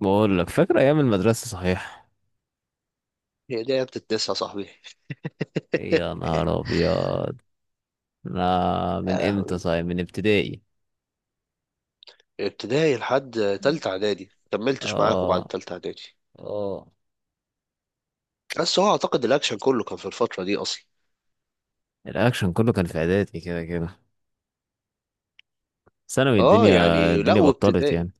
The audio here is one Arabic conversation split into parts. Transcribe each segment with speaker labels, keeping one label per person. Speaker 1: بقول لك، فاكر ايام المدرسه؟ صحيح.
Speaker 2: هي دي ايام التسعة يا صاحبي.
Speaker 1: إيه، يا نهار ابيض. انا من
Speaker 2: يا
Speaker 1: امتى؟
Speaker 2: لهوي.
Speaker 1: صحيح، من ابتدائي.
Speaker 2: ابتدائي لحد تالتة اعدادي، كملتش معاكم بعد
Speaker 1: اه.
Speaker 2: تالتة اعدادي.
Speaker 1: اه.
Speaker 2: بس هو اعتقد الاكشن كله كان في الفترة دي اصلا.
Speaker 1: الاكشن كله كان في اعدادي كده كده. ثانوي
Speaker 2: اه،
Speaker 1: الدنيا،
Speaker 2: يعني لا،
Speaker 1: الدنيا بطلت
Speaker 2: وابتدائي.
Speaker 1: يعني.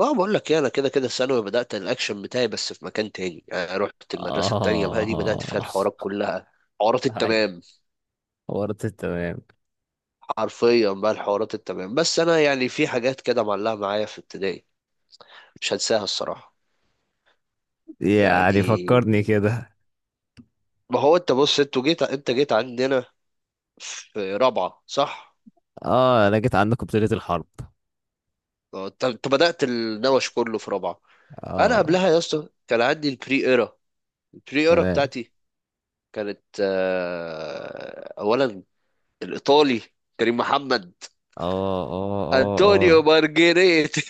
Speaker 2: اه، بقول لك ايه، انا كده كده ثانوي بدأت الاكشن بتاعي، بس في مكان تاني. يعني رحت المدرسة التانية بقى، دي بدأت فيها
Speaker 1: اه.
Speaker 2: الحوارات كلها. حوارات
Speaker 1: هاي.
Speaker 2: التمام.
Speaker 1: ورطت تمام.
Speaker 2: حرفيا بقى الحوارات التمام. بس انا يعني في حاجات كده معلقة معايا في ابتدائي. مش هنساها الصراحة.
Speaker 1: يعني فكرني
Speaker 2: يعني،
Speaker 1: كده.
Speaker 2: ما هو انت بص، انت جيت عندنا في رابعة، صح؟
Speaker 1: اه، انا جيت عندكم بطولة الحرب.
Speaker 2: اه، انت بدأت النوش كله في رابعة. انا
Speaker 1: اه.
Speaker 2: قبلها يا اسطى كان عندي البري ايرا. البري ايرا
Speaker 1: تمام.
Speaker 2: بتاعتي. كانت اولا، الايطالي، كريم محمد،
Speaker 1: اه. اه.
Speaker 2: انطونيو
Speaker 1: اه.
Speaker 2: مارجريتي.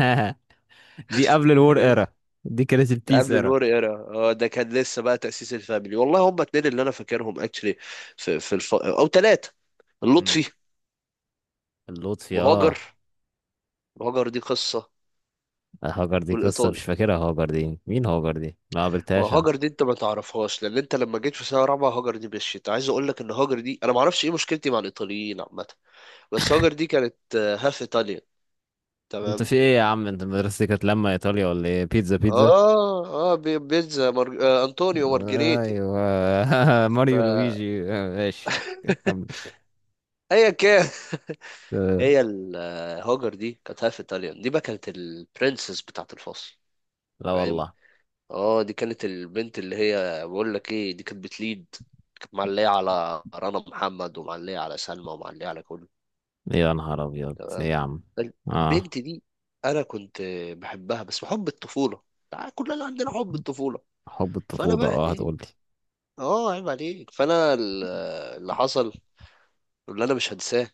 Speaker 1: اه. دي قبل الور
Speaker 2: كريم.
Speaker 1: ايرا. دي كانت
Speaker 2: ده
Speaker 1: البيس
Speaker 2: قبل
Speaker 1: ايرا.
Speaker 2: الور ايرا. اه، ده كان لسه بقى تأسيس الفاميلي. والله هم اتنين اللي انا فاكرهم اكشلي. في الف... او ثلاثة،
Speaker 1: مم.
Speaker 2: اللطفي،
Speaker 1: اللطفي، اه.
Speaker 2: وهاجر. وهاجر دي قصة.
Speaker 1: هاجر دي قصة
Speaker 2: والايطالي.
Speaker 1: مش فاكرها، هاجر دي مين؟ هاجر دي ما
Speaker 2: ما
Speaker 1: قابلتهاش انا.
Speaker 2: هاجر دي انت ما تعرفهاش، لان انت لما جيت في سنه رابعه هاجر دي مشيت. عايز اقول لك ان هاجر دي، انا ما اعرفش ايه مشكلتي مع الايطاليين عامه. بس هاجر دي كانت هاف ايطاليا.
Speaker 1: انت
Speaker 2: تمام.
Speaker 1: في ايه يا عم؟ انت مدرستك كانت لما ايطاليا ولا ايه؟ بيتزا بيتزا.
Speaker 2: اه اه، بي- بيتزا مارج... انطونيو مارجريتي.
Speaker 1: ايوه. ماريو
Speaker 2: فايا
Speaker 1: لويجي، ماشي. كمل.
Speaker 2: كان.
Speaker 1: آه،
Speaker 2: هي ال- هاجر دي كانت هاف ايطاليان، دي بقى كانت البرنسس بتاعت الفصل.
Speaker 1: لا
Speaker 2: فاهم.
Speaker 1: والله.
Speaker 2: اه، دي كانت البنت اللي، هي بقول لك ايه، دي كانت بتليد. كانت معليه على رنا محمد، ومعليه على سلمى، ومعليه على كله.
Speaker 1: يا نهار ابيض، ايه يا عم. اه.
Speaker 2: البنت دي، انا كنت بحبها، بس حب الطفوله. تع- كلنا عندنا حب الطفوله.
Speaker 1: حب
Speaker 2: فانا
Speaker 1: الطفولة،
Speaker 2: بقى
Speaker 1: اه
Speaker 2: ايه،
Speaker 1: هتقولي.
Speaker 2: اه عيب عليك، فانا ال- اللي حصل، واللي انا مش هنساه.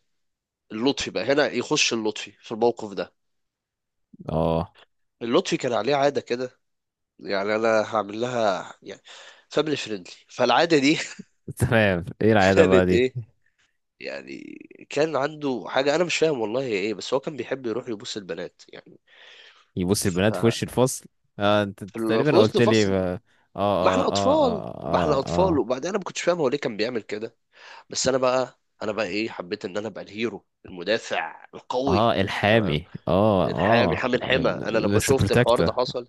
Speaker 2: اللطفي بقى هنا يخش، اللطفي في الموقف ده.
Speaker 1: اه.
Speaker 2: اللطفي كان عليه عاده كده. يعني انا هعمل لها، يعني فاميلي فريندلي، فالعاده دي،
Speaker 1: تمام، ايه العادة بقى
Speaker 2: كانت
Speaker 1: دي؟
Speaker 2: ايه، يعني، كان عنده حاجه انا مش فاهم والله هي ايه، بس هو كان بيحب يروح يبوس البنات، يعني.
Speaker 1: يبص
Speaker 2: ف
Speaker 1: البنات في وش الفصل. اه، انت
Speaker 2: في
Speaker 1: أنت
Speaker 2: ال- في
Speaker 1: تقريبا
Speaker 2: وسط
Speaker 1: قلت لي
Speaker 2: فصل.
Speaker 1: اه.
Speaker 2: ما
Speaker 1: اه،
Speaker 2: احنا
Speaker 1: اه،
Speaker 2: اطفال،
Speaker 1: اه،
Speaker 2: ما
Speaker 1: اه،
Speaker 2: احنا
Speaker 1: اه،
Speaker 2: اطفال،
Speaker 1: آه.
Speaker 2: وبعدين انا ما كنتش فاهم هو ليه كان بيعمل كده. بس انا بقى ايه، حبيت ان انا ابقى الهيرو المدافع القوي.
Speaker 1: اه
Speaker 2: تمام.
Speaker 1: الحامي، اه،
Speaker 2: الحامي
Speaker 1: اه.
Speaker 2: حامي الحمى. انا لما
Speaker 1: مستر
Speaker 2: شفت الحوار
Speaker 1: بروتكتور.
Speaker 2: ده حصل،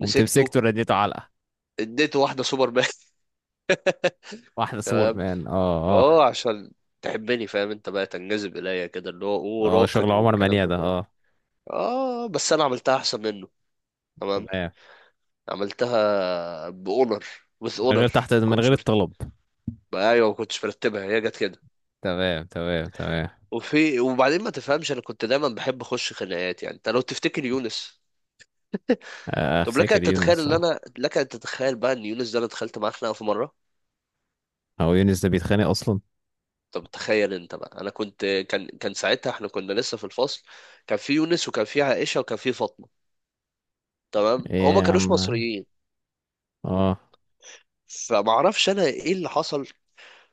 Speaker 1: قمت مسكته، رديته علقه.
Speaker 2: اديته واحده سوبر مان.
Speaker 1: واحده سور
Speaker 2: تمام.
Speaker 1: مان، اه، اه.
Speaker 2: اه، عشان تحبني، فاهم، انت بقى تنجذب اليا كده اللي هو اوه
Speaker 1: اه، شغل
Speaker 2: راقد
Speaker 1: عمر
Speaker 2: والكلام
Speaker 1: منيع
Speaker 2: ده
Speaker 1: ده،
Speaker 2: كله.
Speaker 1: اه.
Speaker 2: اه، بس انا عملتها احسن منه. تمام.
Speaker 1: تمام.
Speaker 2: عملتها باونر. وذ
Speaker 1: من غير
Speaker 2: اونر،
Speaker 1: تحت،
Speaker 2: ما
Speaker 1: من
Speaker 2: كنتش
Speaker 1: غير
Speaker 2: مرتب.
Speaker 1: الطلب.
Speaker 2: ايوه، ما كنتش مرتبها، هي جت كده.
Speaker 1: تمام، تمام، تمام.
Speaker 2: وبعدين، ما تفهمش، انا كنت دايما بحب اخش خناقات. يعني انت لو تفتكر يونس،
Speaker 1: آه، آه،
Speaker 2: طب
Speaker 1: افتكر يونس، اه.
Speaker 2: لك ان تتخيل بقى ان يونس ده انا دخلت معاه خناقه في مره.
Speaker 1: هو يونس ده بيتخانق اصلا؟
Speaker 2: طب تخيل انت بقى، انا كنت، كان ساعتها احنا كنا لسه في الفصل. كان في يونس، وكان في عائشه، وكان في فاطمه. تمام.
Speaker 1: ايه
Speaker 2: هما
Speaker 1: يا
Speaker 2: كانوش
Speaker 1: عم.
Speaker 2: مصريين.
Speaker 1: اه.
Speaker 2: فما اعرفش انا ايه اللي حصل.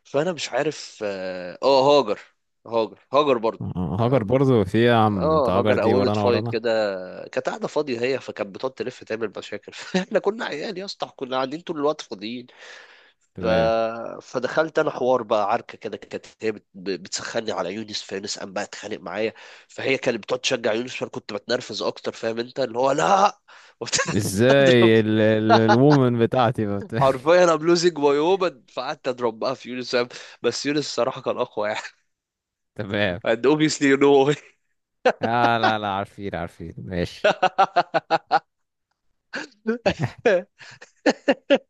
Speaker 2: فانا مش عارف اه هاجر، هاجر برضه.
Speaker 1: آه، هاجر برضو؟ في إيه يا عم انت؟
Speaker 2: اه،
Speaker 1: هاجر
Speaker 2: هاجر
Speaker 1: دي
Speaker 2: قومت
Speaker 1: ورانا
Speaker 2: فايت
Speaker 1: ورانا.
Speaker 2: كده. كانت قاعده فاضيه هي، فكانت بتقعد تلف تعمل مشاكل. فاحنا كنا عيال يا اسطى، كنا قاعدين طول الوقت فاضيين. ف...
Speaker 1: تمام.
Speaker 2: فدخلت انا حوار بقى، عركه كده. كانت هي بت... بتسخني على يونس، فيونس قام بقى اتخانق معايا. فهي كانت بتقعد تشجع يونس، فانا كنت بتنرفز اكتر، فاهم انت، اللي هو لا، وبت- اضرب.
Speaker 1: ازاي الوومن بتاعتي بت...
Speaker 2: حرفيا ام لوزنج ماي وومن. فقعدت اضرب بقى في يونس، فاهم؟ بس يونس الصراحه كان اقوى، يعني.
Speaker 1: تمام.
Speaker 2: and obviously you know.
Speaker 1: آه، لا لا، عارفين عارفين، ماشي.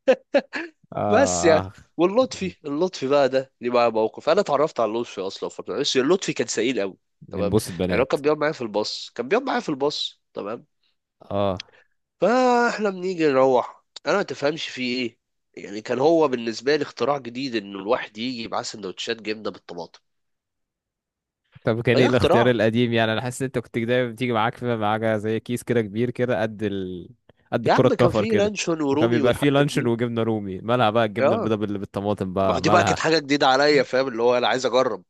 Speaker 2: بس
Speaker 1: اه،
Speaker 2: يعني،
Speaker 1: اه.
Speaker 2: واللطفي بقى ده ليه معاه موقف. انا اتعرفت على اللطفي اصلا في فتره، بس اللطفي كان سئيل قوي.
Speaker 1: من
Speaker 2: تمام.
Speaker 1: بوس
Speaker 2: يعني هو
Speaker 1: البنات.
Speaker 2: كان بيقعد معايا في الباص، كان بيقعد معايا في الباص، تمام.
Speaker 1: اه.
Speaker 2: فاحنا بنيجي نروح، انا ما تفهمش فيه ايه. يعني كان هو بالنسبه لي اختراع جديد، انه الواحد يجي معاه سندوتشات جبنه بالطماطم.
Speaker 1: طب كان ايه
Speaker 2: فده
Speaker 1: الاختيار
Speaker 2: اختراع.
Speaker 1: القديم؟ يعني انا حاسس ان انت كنت دايما بتيجي معاك، في معاك زي كيس كده كبير كده، قد ال... قد
Speaker 2: يا
Speaker 1: الكرة
Speaker 2: عم كان
Speaker 1: الكفر
Speaker 2: فيه
Speaker 1: كده.
Speaker 2: لانشون
Speaker 1: وكان
Speaker 2: ورومي
Speaker 1: بيبقى فيه
Speaker 2: والحاجات
Speaker 1: لانشون
Speaker 2: دي.
Speaker 1: وجبنة رومي. مالها بقى الجبنة
Speaker 2: اه،
Speaker 1: البيضاء بالطماطم
Speaker 2: ما هو
Speaker 1: بقى،
Speaker 2: دي بقى كانت
Speaker 1: مالها؟
Speaker 2: حاجه جديده عليا، فاهم، اللي هو انا عايز اجرب.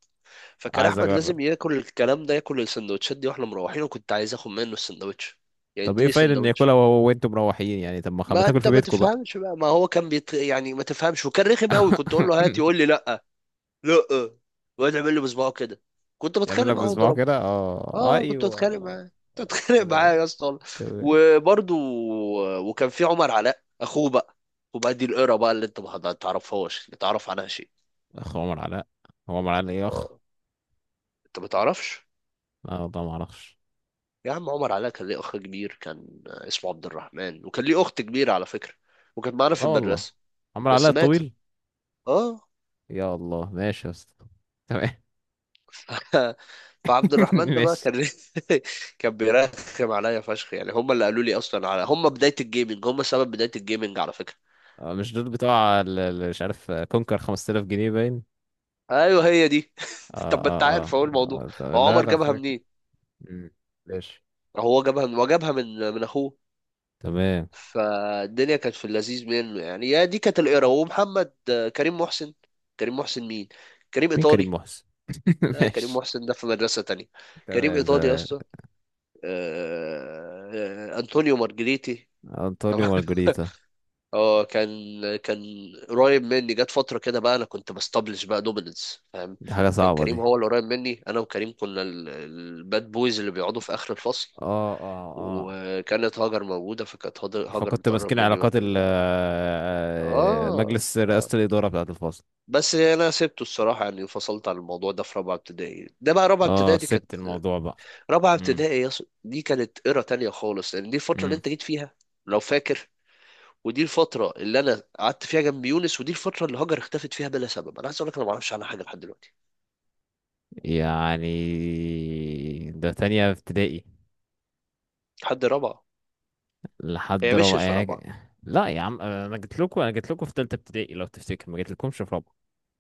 Speaker 2: فكان
Speaker 1: عايز
Speaker 2: احمد
Speaker 1: اجرب.
Speaker 2: لازم ياكل الكلام ده، ياكل السندوتشات دي واحنا مروحين، وكنت عايز اخد منه السندوتش. يعني
Speaker 1: طب ايه
Speaker 2: اديني
Speaker 1: فايدة ان
Speaker 2: سندوتش.
Speaker 1: ياكلها وهو وانتم مروحين؟ يعني طب ما
Speaker 2: ما
Speaker 1: تاكل
Speaker 2: انت
Speaker 1: في
Speaker 2: ما
Speaker 1: بيتكم بقى.
Speaker 2: تفهمش بقى، ما هو كان بيت... يعني ما تفهمش، وكان رخم قوي. كنت اقول له هات، يقول لي لا. لا. ويقعد يعمل لي بصباعه كده. كنت
Speaker 1: يعمل
Speaker 2: بتخانق
Speaker 1: لك
Speaker 2: معاه
Speaker 1: بصباعه
Speaker 2: واضربه.
Speaker 1: كده، اه
Speaker 2: اه، كنت
Speaker 1: ايوه.
Speaker 2: بتخانق معاه، كنت بتخانق معاه
Speaker 1: تمام.
Speaker 2: يا اسطى.
Speaker 1: تمام.
Speaker 2: وبرده، وكان في عمر علاء اخوه بقى. وبقى دي القرا بقى اللي انت ما تعرفهاش، اللي تعرف عنها شيء.
Speaker 1: اخ عمر علاء؟ هو عمر علاء ايه اخ؟
Speaker 2: اه، انت ما تعرفش.
Speaker 1: لا والله، ما اعرفش.
Speaker 2: يا عم عمر علاء كان ليه اخ كبير، كان اسمه عبد الرحمن، وكان ليه اخت كبيره على فكره. وكانت معانا
Speaker 1: لا
Speaker 2: في
Speaker 1: والله.
Speaker 2: المدرسه.
Speaker 1: عمر
Speaker 2: بس
Speaker 1: علاء
Speaker 2: ماتت.
Speaker 1: الطويل.
Speaker 2: اه.
Speaker 1: يا الله، ماشي يا اسطى. تمام.
Speaker 2: فعبد الرحمن ده بقى
Speaker 1: ماشي.
Speaker 2: كان كان بيرخم عليا فشخ. يعني هم اللي قالوا لي اصلا على، هم بدايه الجيمنج، هم سبب بدايه الجيمنج على فكره.
Speaker 1: آه، مش دول بتوع مش عارف، آه، كونكر 5000 جنيه باين.
Speaker 2: ايوه، هي دي.
Speaker 1: اه.
Speaker 2: طب ما انت
Speaker 1: اه، اه,
Speaker 2: عارف اهو الموضوع.
Speaker 1: آه. طب
Speaker 2: هو
Speaker 1: لا
Speaker 2: عمر
Speaker 1: لا،
Speaker 2: جابها
Speaker 1: فاكر.
Speaker 2: منين؟
Speaker 1: مم. ماشي.
Speaker 2: هو جابها من، وجابها من، من اخوه.
Speaker 1: تمام.
Speaker 2: فالدنيا كانت في اللذيذ منه. يعني يا دي كانت القرا، ومحمد كريم محسن. كريم محسن مين؟ كريم
Speaker 1: مين كريم
Speaker 2: ايطالي.
Speaker 1: محسن؟
Speaker 2: لا، كريم
Speaker 1: ماشي.
Speaker 2: محسن ده في مدرسة تانية. كريم
Speaker 1: تمام،
Speaker 2: إيطالي يا
Speaker 1: تمام.
Speaker 2: اسطى. آه، أنطونيو مارجريتي.
Speaker 1: انطونيو
Speaker 2: طبعا.
Speaker 1: مارجريتا.
Speaker 2: اه، كان قريب مني. جت فترة كده بقى أنا كنت بستبلش بقى دوميننس، فاهم.
Speaker 1: دي حاجة
Speaker 2: كان
Speaker 1: صعبة دي.
Speaker 2: كريم هو اللي قريب مني. أنا وكريم كنا ال- الباد بويز اللي بيقعدوا في آخر الفصل.
Speaker 1: اه. اه. اه.
Speaker 2: وكانت هاجر موجودة، فكانت هاجر
Speaker 1: فكنت
Speaker 2: بتقرب
Speaker 1: ماسكين
Speaker 2: مني بقى
Speaker 1: علاقات
Speaker 2: كل
Speaker 1: ال
Speaker 2: ده.
Speaker 1: آه،
Speaker 2: اه
Speaker 1: مجلس
Speaker 2: اه،
Speaker 1: رئاسة الإدارة بتاعة الفصل.
Speaker 2: بس أنا سبته الصراحة. يعني انفصلت عن الموضوع ده في رابعة ابتدائي. ده بقى، رابعة
Speaker 1: اه
Speaker 2: ابتدائي دي كانت،
Speaker 1: سبت الموضوع بقى.
Speaker 2: رابعة
Speaker 1: امم.
Speaker 2: ابتدائي يا اسطى دي كانت إيرا تانية خالص، لأن دي الفترة اللي أنت جيت فيها، لو فاكر. ودي الفترة اللي أنا قعدت فيها جنب يونس، ودي الفترة اللي هاجر اختفت فيها بلا سبب. أنا عايز أقول لك أنا ما أعرفش عنها حاجة لحد دلوقتي.
Speaker 1: يعني ده تانية ابتدائي؟
Speaker 2: لحد رابعة.
Speaker 1: لحد
Speaker 2: هي
Speaker 1: رابعة
Speaker 2: مشيت في رابعة
Speaker 1: يعني؟ لا يا عم، انا جيت لكم في تالتة ابتدائي لو تفتكر، ما جيت لكمش في رابعة.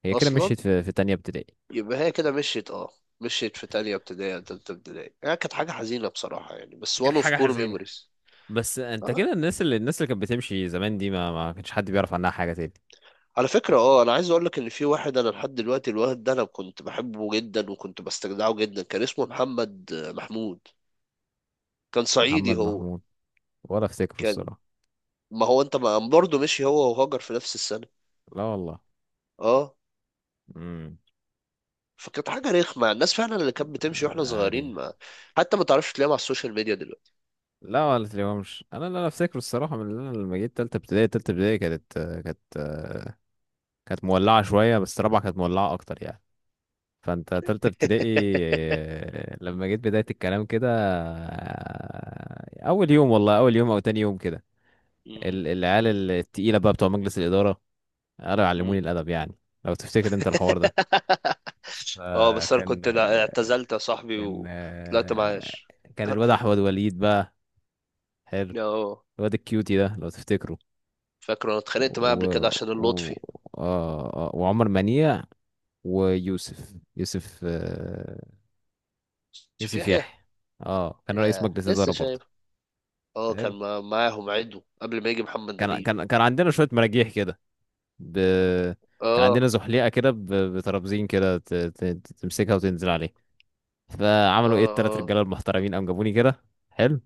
Speaker 1: هي كده
Speaker 2: أصلا.
Speaker 1: مشيت في تانية ابتدائي.
Speaker 2: يبقى هي كده مشيت، أه، مشيت في تانية ابتدائي أو تالتة ابتدائي. يعني كانت حاجة حزينة بصراحة، يعني. بس
Speaker 1: كانت
Speaker 2: وان أوف
Speaker 1: حاجة
Speaker 2: كور
Speaker 1: حزينة.
Speaker 2: ميموريز.
Speaker 1: بس انت
Speaker 2: آه.
Speaker 1: كده، الناس اللي كانت بتمشي زمان دي، ما كانش حد بيعرف عنها حاجة تاني.
Speaker 2: على فكرة، اه، انا عايز اقول لك ان في واحد، انا لحد دلوقتي الواد ده انا كنت بحبه جدا وكنت بستجدعه جدا. كان اسمه محمد محمود. كان صعيدي
Speaker 1: محمد
Speaker 2: هو.
Speaker 1: محمود، ولا افتكره
Speaker 2: كان،
Speaker 1: الصراحة.
Speaker 2: ما هو انت ما، برضه مشي هو وهاجر في نفس السنة.
Speaker 1: لا والله.
Speaker 2: اه.
Speaker 1: امم.
Speaker 2: فكانت حاجة رخمة، الناس فعلا اللي كانت بتمشي واحنا
Speaker 1: آه، غريب.
Speaker 2: صغيرين، ما حتى ما تعرفش تلاقيهم على السوشيال ميديا دلوقتي.
Speaker 1: لا ولا تلاقيهمش، انا لا لا افتكره الصراحة. من اللي أنا لما جيت تالتة ابتدائي، تالتة ابتدائي كانت، كانت، كانت مولعة شوية، بس رابعة كانت مولعة اكتر يعني. فانت تالتة ابتدائي، آه، لما جيت بداية الكلام كده. آه، اول يوم، والله اول يوم او تاني يوم كده،
Speaker 2: مم.
Speaker 1: العيال
Speaker 2: مم.
Speaker 1: التقيلة بقى بتوع مجلس الإدارة قالوا يعلموني
Speaker 2: مم.
Speaker 1: الأدب يعني، لو تفتكر انت الحوار ده. فكان
Speaker 2: اه، بس انا كنت لا-
Speaker 1: آه،
Speaker 2: اعتزلت يا صاحبي
Speaker 1: كان
Speaker 2: وطلعت
Speaker 1: آه،
Speaker 2: معاش.
Speaker 1: كان الواد احمد وليد بقى. حلو،
Speaker 2: اه،
Speaker 1: الواد الكيوتي ده لو تفتكره.
Speaker 2: فاكر انا اتخانقت معاه
Speaker 1: و...
Speaker 2: قبل كده عشان
Speaker 1: و...
Speaker 2: اللطفي.
Speaker 1: آه... آه، وعمر منيع، ويوسف. يوسف آه،
Speaker 2: شوف
Speaker 1: يوسف
Speaker 2: يحيى.
Speaker 1: يحيى. اه، كان رئيس
Speaker 2: يا
Speaker 1: مجلس إدارة
Speaker 2: لسه
Speaker 1: برضه.
Speaker 2: شايف. اه،
Speaker 1: حلو.
Speaker 2: كان معاهم عدو قبل ما يجي محمد
Speaker 1: كان
Speaker 2: نبيل.
Speaker 1: كان كان عندنا شوية مراجيح كده. ب... كان عندنا
Speaker 2: اه،
Speaker 1: زحليقة كده، ب... بترابزين كده، تمسكها وتنزل عليه. فعملوا ايه
Speaker 2: اه،
Speaker 1: التلات
Speaker 2: اه،
Speaker 1: رجالة المحترمين؟ قام جابوني كده. حلو.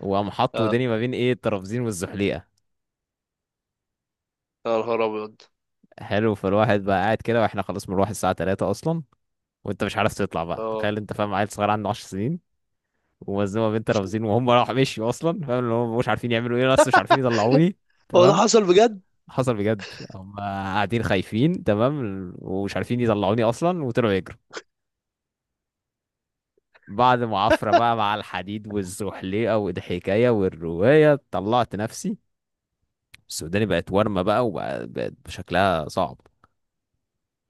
Speaker 1: وقام حطوا
Speaker 2: اه،
Speaker 1: وداني ما بين ايه الترابزين والزحليقة.
Speaker 2: يا نهار ابيض،
Speaker 1: حلو. فالواحد بقى قاعد كده، واحنا خلاص بنروح الساعة 3 أصلا. وانت مش عارف تطلع بقى.
Speaker 2: اه.
Speaker 1: تخيل انت، فاهم، عيل صغير عنده 10 سنين، ومزنوقة بين ترابزين، وهم راحوا مشيوا أصلا، فاهم، اللي هم مش عارفين يعملوا ايه، بس مش عارفين يطلعوني.
Speaker 2: هو ده
Speaker 1: تمام.
Speaker 2: حصل بجد؟
Speaker 1: حصل بجد. هم قاعدين خايفين، تمام، ومش عارفين يطلعوني اصلا، وطلعوا يجروا. بعد معافرة بقى مع الحديد والزحليقة والحكاية والرواية، طلعت نفسي. السوداني بقت ورمة بقى، وبقت بقت شكلها صعب.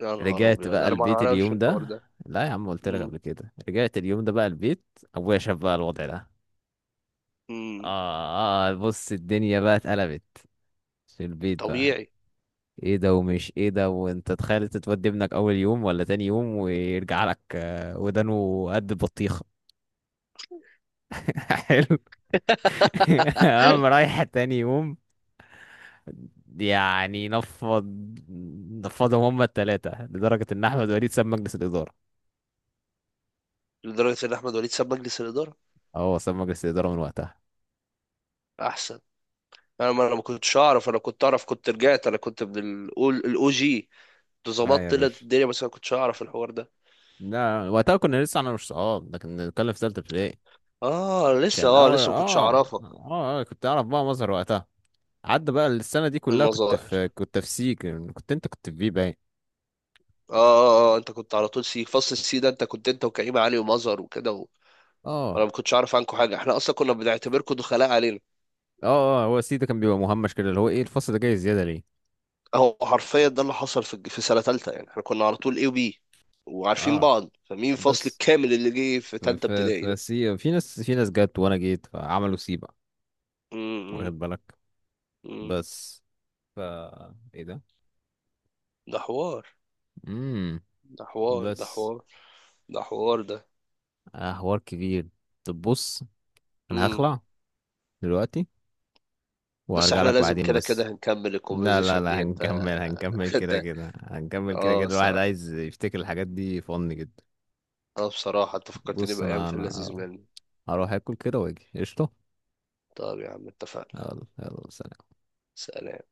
Speaker 2: يا نهار
Speaker 1: رجعت
Speaker 2: ابيض،
Speaker 1: بقى
Speaker 2: انا ما
Speaker 1: البيت
Speaker 2: اعرفش
Speaker 1: اليوم
Speaker 2: الحوار
Speaker 1: ده.
Speaker 2: ده.
Speaker 1: لا يا عم، قلت لك
Speaker 2: امم.
Speaker 1: قبل كده، رجعت اليوم ده بقى البيت. ابويا شاف بقى الوضع ده.
Speaker 2: امم.
Speaker 1: اه, آه بص، الدنيا بقى اتقلبت في البيت بقى.
Speaker 2: طبيعي.
Speaker 1: ايه ده؟ ومش ايه ده. وانت تخيل تتودي ابنك اول يوم ولا تاني يوم، ويرجع لك آه، ودانه قد البطيخة. حلو. قام رايح تاني يوم. يعني نفض، نفضهم هما التلاتة، لدرجة ان احمد وليد ساب مجلس الادارة.
Speaker 2: لدرجه ان احمد وليد ساب مجلس الاداره.
Speaker 1: اه، هو ساب مجلس الادارة من وقتها.
Speaker 2: احسن. انا ما كنتش اعرف. انا كنت اعرف، كنت رجعت، انا كنت من الاول الاو جي. كنت
Speaker 1: لا
Speaker 2: ظبطت
Speaker 1: يا
Speaker 2: طلعت
Speaker 1: باشا،
Speaker 2: الدنيا، بس انا ما كنتش اعرف الحوار ده.
Speaker 1: لا وقتها كنا لسه، انا مش صحاب ده، كنا بنتكلم في تالتة ابتدائي.
Speaker 2: اه لسه
Speaker 1: كان
Speaker 2: اه
Speaker 1: اول،
Speaker 2: لسه ما كنتش
Speaker 1: اه،
Speaker 2: اعرفك.
Speaker 1: اه، آه، كنت اعرف بقى مظهر وقتها. عدى بقى السنة دي كلها، كنت
Speaker 2: المظاهر.
Speaker 1: في، كنت في سيك، كنت انت كنت في بي باين.
Speaker 2: اه، اه، اه، انت كنت على طول سي، فصل السي ده، انت وكريم علي ومظهر وكده و... انا
Speaker 1: اه،
Speaker 2: ما كنتش اعرف عنكم حاجه. احنا اصلا كنا بنعتبركم دخلاء علينا.
Speaker 1: اه، اه، هو سي ده كان بيبقى مهمش كده، اللي هو ايه الفصل ده جاي زيادة ليه؟
Speaker 2: هو حرفيا ده اللي حصل في سنة تالتة. يعني احنا كنا على طول اي وبي، وعارفين
Speaker 1: اه
Speaker 2: بعض. فمين الفصل
Speaker 1: بس.
Speaker 2: الكامل اللي جه في
Speaker 1: ف
Speaker 2: تالتة
Speaker 1: ف
Speaker 2: ابتدائي
Speaker 1: ف
Speaker 2: ده؟
Speaker 1: سي، في ناس جت، وانا جيت، فعملوا سي بقى.
Speaker 2: امم.
Speaker 1: واخد بالك؟
Speaker 2: امم.
Speaker 1: بس ف. ايه ده.
Speaker 2: ده حوار.
Speaker 1: امم.
Speaker 2: ده حوار، ده
Speaker 1: بس.
Speaker 2: حوار. ده حوار ده.
Speaker 1: آه، حوار كبير. طب بص، انا
Speaker 2: امم.
Speaker 1: هخلع دلوقتي
Speaker 2: بس
Speaker 1: وهرجع
Speaker 2: احنا
Speaker 1: لك
Speaker 2: لازم
Speaker 1: بعدين،
Speaker 2: كده كده
Speaker 1: بس.
Speaker 2: هنكمل
Speaker 1: لا لا
Speaker 2: الكونفرزيشن
Speaker 1: لا،
Speaker 2: دي، انت.
Speaker 1: هنكمل، هنكمل كده
Speaker 2: ده،
Speaker 1: كده هنكمل كده
Speaker 2: اه
Speaker 1: كده، الواحد
Speaker 2: الصراحة.
Speaker 1: عايز يفتكر الحاجات دي، فن جدا.
Speaker 2: اه، بصراحة انت فكرتني
Speaker 1: بص،
Speaker 2: بأيام
Speaker 1: انا
Speaker 2: في
Speaker 1: انا
Speaker 2: اللذيذ منه.
Speaker 1: هروح اكل كده واجي قشطة.
Speaker 2: طب يا عم، اتفقنا.
Speaker 1: يلا يلا، سلام.
Speaker 2: سلام.